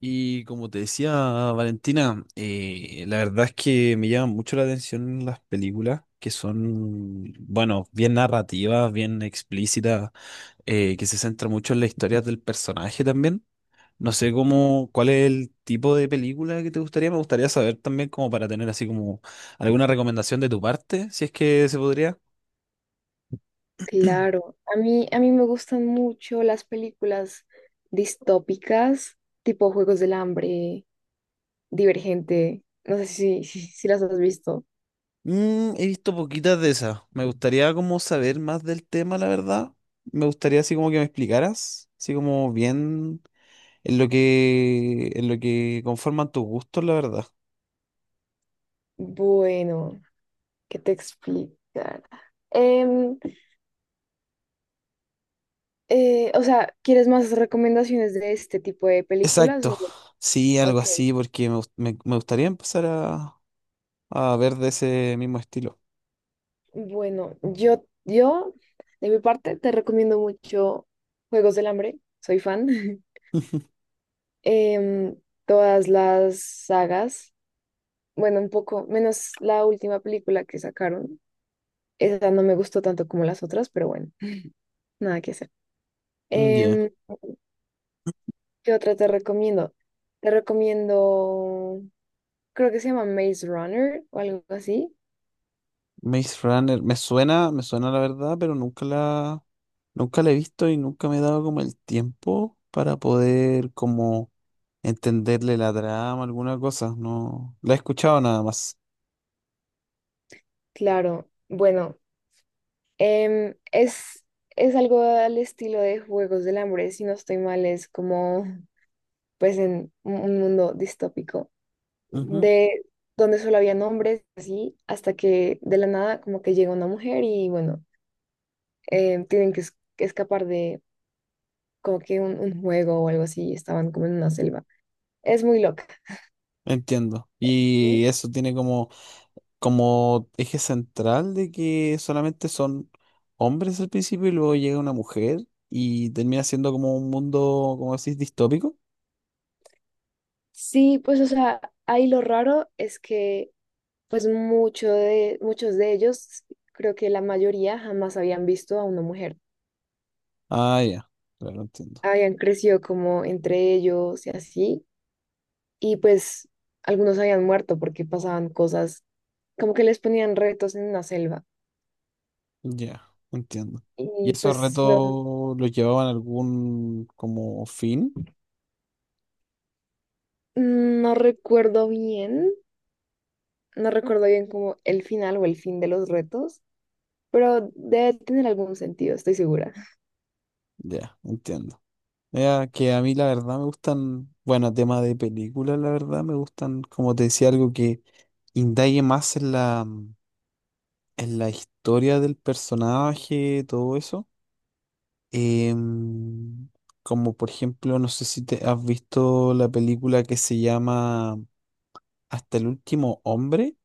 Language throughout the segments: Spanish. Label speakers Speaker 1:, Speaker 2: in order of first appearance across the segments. Speaker 1: Y como te decía Valentina, la verdad es que me llaman mucho la atención las películas que son, bueno, bien narrativas, bien explícitas, que se centran mucho en las historias del personaje también. No sé cómo, cuál es el tipo de película que te gustaría. Me gustaría saber también como para tener así como alguna recomendación de tu parte, si es que se podría.
Speaker 2: Claro, a mí me gustan mucho las películas distópicas, tipo Juegos del Hambre, Divergente, no sé si las has visto.
Speaker 1: Mm, he visto poquitas de esas. Me gustaría como saber más del tema, la verdad. Me gustaría así como que me explicaras, así como bien en lo que conforman tus gustos, la verdad.
Speaker 2: Bueno, ¿qué te explicar? Em, o sea, ¿quieres más recomendaciones de este tipo de películas? O,
Speaker 1: Exacto. Sí, algo
Speaker 2: ok,
Speaker 1: así, porque me gustaría empezar a ver de ese mismo estilo.
Speaker 2: bueno, de mi parte, te recomiendo mucho Juegos del Hambre, soy fan. Em, Todas las sagas. Bueno, un poco menos la última película que sacaron. Esa no me gustó tanto como las otras, pero bueno, nada que hacer.
Speaker 1: Mm, ya.
Speaker 2: Em, ¿Qué otra te recomiendo? Te recomiendo, creo que se llama Maze Runner o algo así.
Speaker 1: Maze Runner, me suena la verdad, pero nunca la he visto y nunca me he dado como el tiempo para poder como entenderle la trama, alguna cosa. No, la he escuchado nada más.
Speaker 2: Claro, bueno, em, es, es algo al estilo de Juegos del Hambre, si no estoy mal, es como pues en un mundo distópico,
Speaker 1: Ujú,
Speaker 2: de donde solo había hombres, así, hasta que de la nada como que llega una mujer y bueno. Tienen que escapar de como que un juego o algo así, y estaban como en una selva. Es muy loca,
Speaker 1: entiendo. Y
Speaker 2: ¿sí?
Speaker 1: eso tiene como, como eje central de que solamente son hombres al principio y luego llega una mujer y termina siendo como un mundo, como decís, distópico.
Speaker 2: Sí, pues o sea, ahí lo raro es que pues muchos de ellos, creo que la mayoría jamás habían visto a una mujer.
Speaker 1: Ah, ya, claro, entiendo.
Speaker 2: Habían crecido como entre ellos y así, y pues algunos habían muerto porque pasaban cosas, como que les ponían retos en una selva.
Speaker 1: Ya, entiendo. ¿Y
Speaker 2: Y
Speaker 1: esos
Speaker 2: pues no,
Speaker 1: retos los llevaban a algún como fin?
Speaker 2: no recuerdo bien. No recuerdo bien como el final o el fin de los retos, pero debe tener algún sentido, estoy segura.
Speaker 1: Ya, entiendo. Mira, que a mí la verdad me gustan, bueno, tema de películas, la verdad me gustan, como te decía, algo que indague más en la, en la historia del personaje, todo eso. Em, Como por ejemplo, no sé si te has visto la película que se llama Hasta el último hombre.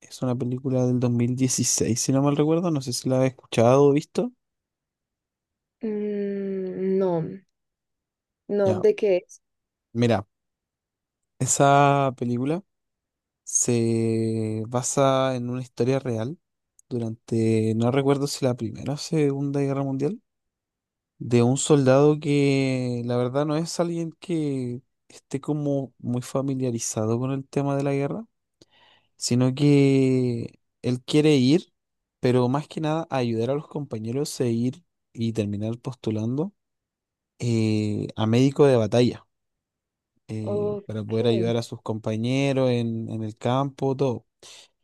Speaker 1: Es una película del 2016 si no mal recuerdo. No sé si la has escuchado o visto.
Speaker 2: Mm, no, no,
Speaker 1: Ya,
Speaker 2: ¿de qué es?
Speaker 1: mira, esa película. Se basa en una historia real durante, no recuerdo si la Primera o Segunda Guerra Mundial, de un soldado que la verdad no es alguien que esté como muy familiarizado con el tema de la guerra, sino que él quiere ir, pero más que nada ayudar a los compañeros a ir y terminar postulando a médico de batalla.
Speaker 2: Ok,
Speaker 1: Para poder ayudar a sus compañeros en el campo, todo.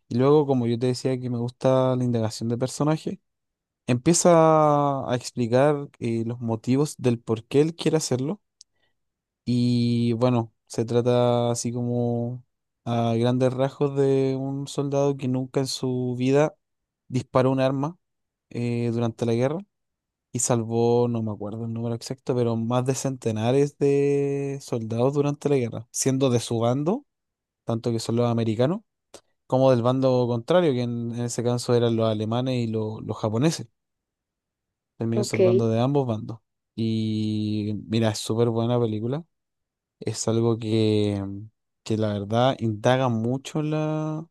Speaker 1: Y luego, como yo te decía que me gusta la indagación de personaje, empieza a explicar los motivos del por qué él quiere hacerlo. Y bueno, se trata así como a grandes rasgos de un soldado que nunca en su vida disparó un arma durante la guerra y salvó, no me acuerdo el número exacto, pero más de centenares de soldados durante la guerra, siendo de su bando, tanto que son los americanos como del bando contrario, que en ese caso eran los alemanes y los japoneses. Terminó
Speaker 2: ok,
Speaker 1: salvando de ambos bandos. Y mira, es súper buena película. Es algo que la verdad indaga mucho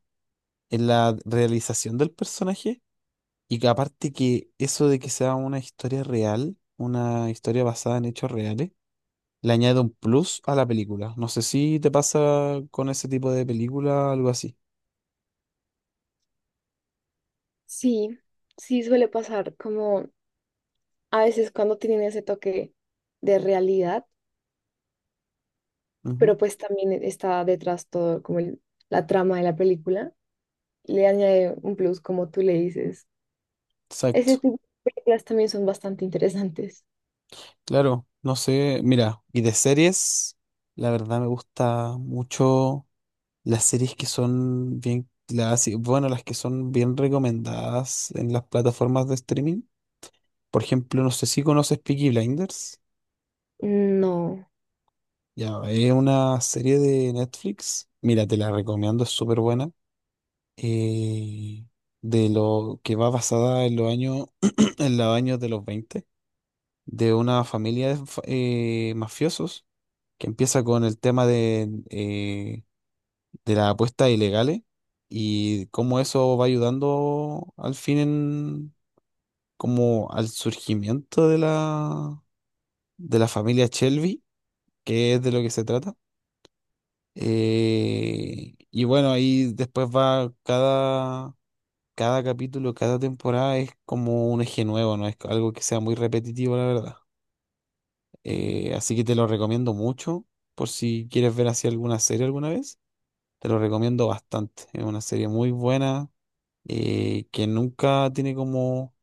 Speaker 1: en la realización del personaje. Y que aparte que eso de que sea una historia real, una historia basada en hechos reales, le añade un plus a la película. No sé si te pasa con ese tipo de película, algo así.
Speaker 2: sí, sí suele pasar como a veces cuando tienen ese toque de realidad,
Speaker 1: Ujú,
Speaker 2: pero pues también está detrás todo como la trama de la película, le añade un plus como tú le dices. Ese
Speaker 1: exacto.
Speaker 2: tipo de películas también son bastante interesantes.
Speaker 1: Claro, no sé, mira, y de series, la verdad me gusta mucho las series que son bien, las, bueno, las que son bien recomendadas en las plataformas de streaming. Por ejemplo, no sé si conoces Peaky Blinders.
Speaker 2: No.
Speaker 1: Ya, es una serie de Netflix. Mira, te la recomiendo, es súper buena. eh, de lo que va basada en los años, en los años de los 20, de una familia de mafiosos que empieza con el tema de las apuestas ilegales y cómo eso va ayudando al fin en, como al surgimiento de la familia Shelby, que es de lo que se trata. Y bueno, ahí después va cada, cada capítulo, cada temporada es como un eje nuevo, no es algo que sea muy repetitivo, la verdad. Así que te lo recomiendo mucho por si quieres ver así alguna serie alguna vez. Te lo recomiendo bastante. Es una serie muy buena que nunca tiene como,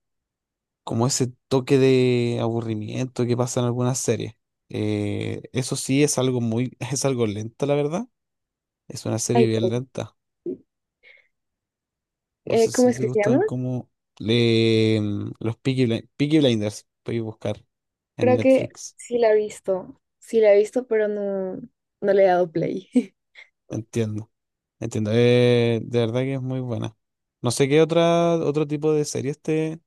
Speaker 1: como ese toque de aburrimiento que pasa en algunas series. Eso sí es algo muy, es algo lenta, la verdad. Es una
Speaker 2: Ay,
Speaker 1: serie bien
Speaker 2: pero,
Speaker 1: lenta. No sé
Speaker 2: ¿cómo
Speaker 1: si
Speaker 2: es
Speaker 1: te
Speaker 2: que se
Speaker 1: gustan
Speaker 2: llama?
Speaker 1: como le, los Peaky, Peaky Blinders. Puedes buscar en
Speaker 2: Creo que
Speaker 1: Netflix.
Speaker 2: sí la he visto, sí la he visto, pero no, no le he dado play.
Speaker 1: Entiendo. Entiendo. De verdad que es muy buena. No sé qué otra, otro tipo de series te,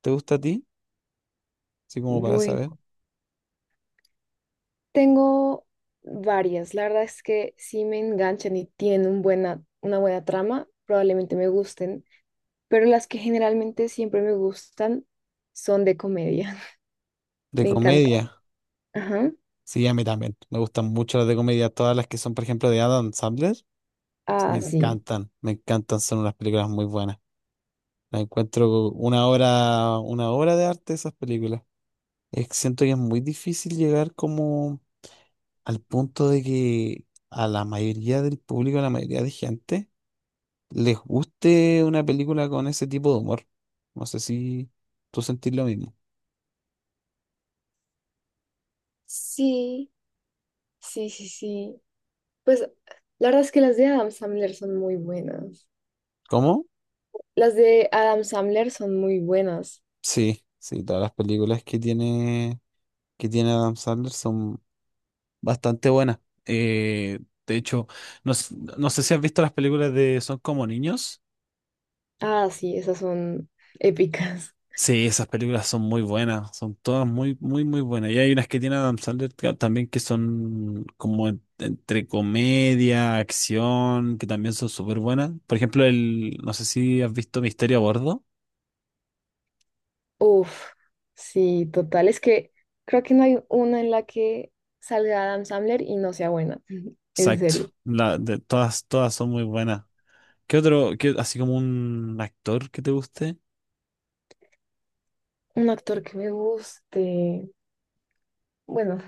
Speaker 1: te gusta a ti, así como para
Speaker 2: Bueno,
Speaker 1: saber.
Speaker 2: tengo varias. La verdad es que si me enganchan y tienen un buena, una buena trama, probablemente me gusten, pero las que generalmente siempre me gustan son de comedia.
Speaker 1: De
Speaker 2: Me encanta.
Speaker 1: comedia.
Speaker 2: Ajá.
Speaker 1: Sí, a mí también. Me gustan mucho las de comedia. Todas las que son, por ejemplo, de Adam Sandler. Me
Speaker 2: Ah, sí.
Speaker 1: encantan, me encantan. Son unas películas muy buenas. La encuentro una obra de arte esas películas. Es que siento que es muy difícil llegar como al punto de que a la mayoría del público, a la mayoría de gente, les guste una película con ese tipo de humor. No sé si tú sentís lo mismo.
Speaker 2: Sí, sí, sí, sí. Pues la verdad es que las de Adam Sandler son muy buenas.
Speaker 1: ¿Cómo?
Speaker 2: Las de Adam Sandler son muy buenas.
Speaker 1: Sí, sí, todas las películas que tiene Adam Sandler son bastante buena. De hecho, no, no sé si has visto las películas de Son como niños.
Speaker 2: Ah, sí, esas son épicas.
Speaker 1: Sí, esas películas son muy buenas, son todas muy, muy, muy buenas. Y hay unas que tiene Adam Sandler también que son como entre comedia, acción, que también son súper buenas. Por ejemplo, el, no sé si has visto Misterio a Bordo.
Speaker 2: Uf, sí, total. Es que creo que no hay una en la que salga Adam Sandler y no sea buena. En
Speaker 1: Exacto,
Speaker 2: serio.
Speaker 1: la, de, todas, todas son muy buenas. ¿Qué otro, qué- así como un actor que te guste?
Speaker 2: Un actor que me guste. Bueno,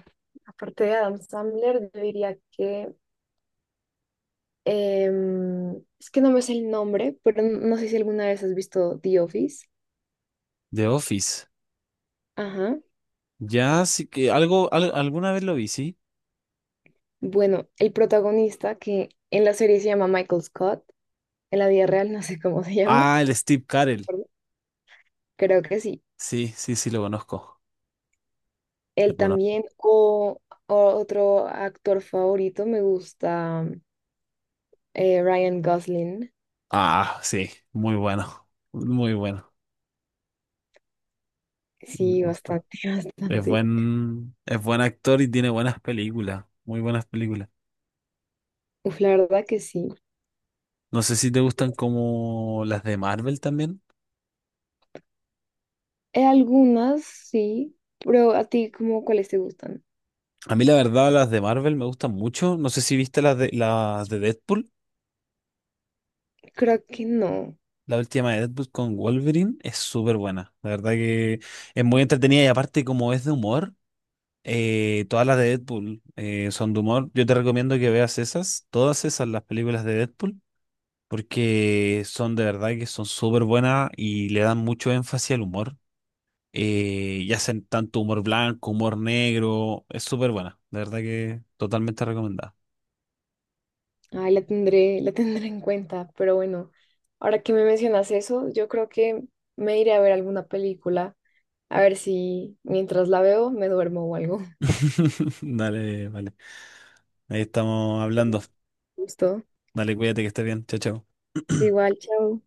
Speaker 2: aparte de Adam Sandler, yo diría que... es que no me sé el nombre, pero no sé si alguna vez has visto The Office.
Speaker 1: The Office.
Speaker 2: Ajá.
Speaker 1: Ya, sí que algo, alguna vez lo vi, sí.
Speaker 2: Bueno, el protagonista que en la serie se llama Michael Scott, en la vida real no sé cómo se llama.
Speaker 1: Ah, el Steve
Speaker 2: ¿De
Speaker 1: Carell.
Speaker 2: acuerdo? Creo que sí.
Speaker 1: Sí, sí, sí, lo conozco. Lo
Speaker 2: Él
Speaker 1: conozco.
Speaker 2: también, o otro actor favorito, me gusta Ryan Gosling.
Speaker 1: Ah, sí, muy bueno. Muy bueno. Me
Speaker 2: Sí,
Speaker 1: gusta.
Speaker 2: bastante, bastante.
Speaker 1: Es buen actor y tiene buenas películas. Muy buenas películas.
Speaker 2: Uf, la verdad que sí.
Speaker 1: No sé si te gustan como las de Marvel también.
Speaker 2: Algunas sí, pero a ti, ¿cómo cuáles te gustan?
Speaker 1: A mí la verdad las de Marvel me gustan mucho. No sé si viste las de Deadpool.
Speaker 2: Creo que no.
Speaker 1: La última de Deadpool con Wolverine es súper buena. La verdad que es muy entretenida y aparte como es de humor. Todas las de Deadpool son de humor. Yo te recomiendo que veas esas, todas esas, las películas de Deadpool, porque son de verdad que son súper buenas y le dan mucho énfasis al humor. Y hacen tanto humor blanco, humor negro. Es súper buena. De verdad que totalmente recomendada.
Speaker 2: Ay, la tendré, la tendré en cuenta, pero bueno, ahora que me mencionas eso, yo creo que me iré a ver alguna película, a ver si mientras la veo me duermo o algo.
Speaker 1: Dale, vale. Ahí estamos hablando.
Speaker 2: Justo.
Speaker 1: Dale, cuídate que estés bien. Chao, chao.
Speaker 2: Igual, chao.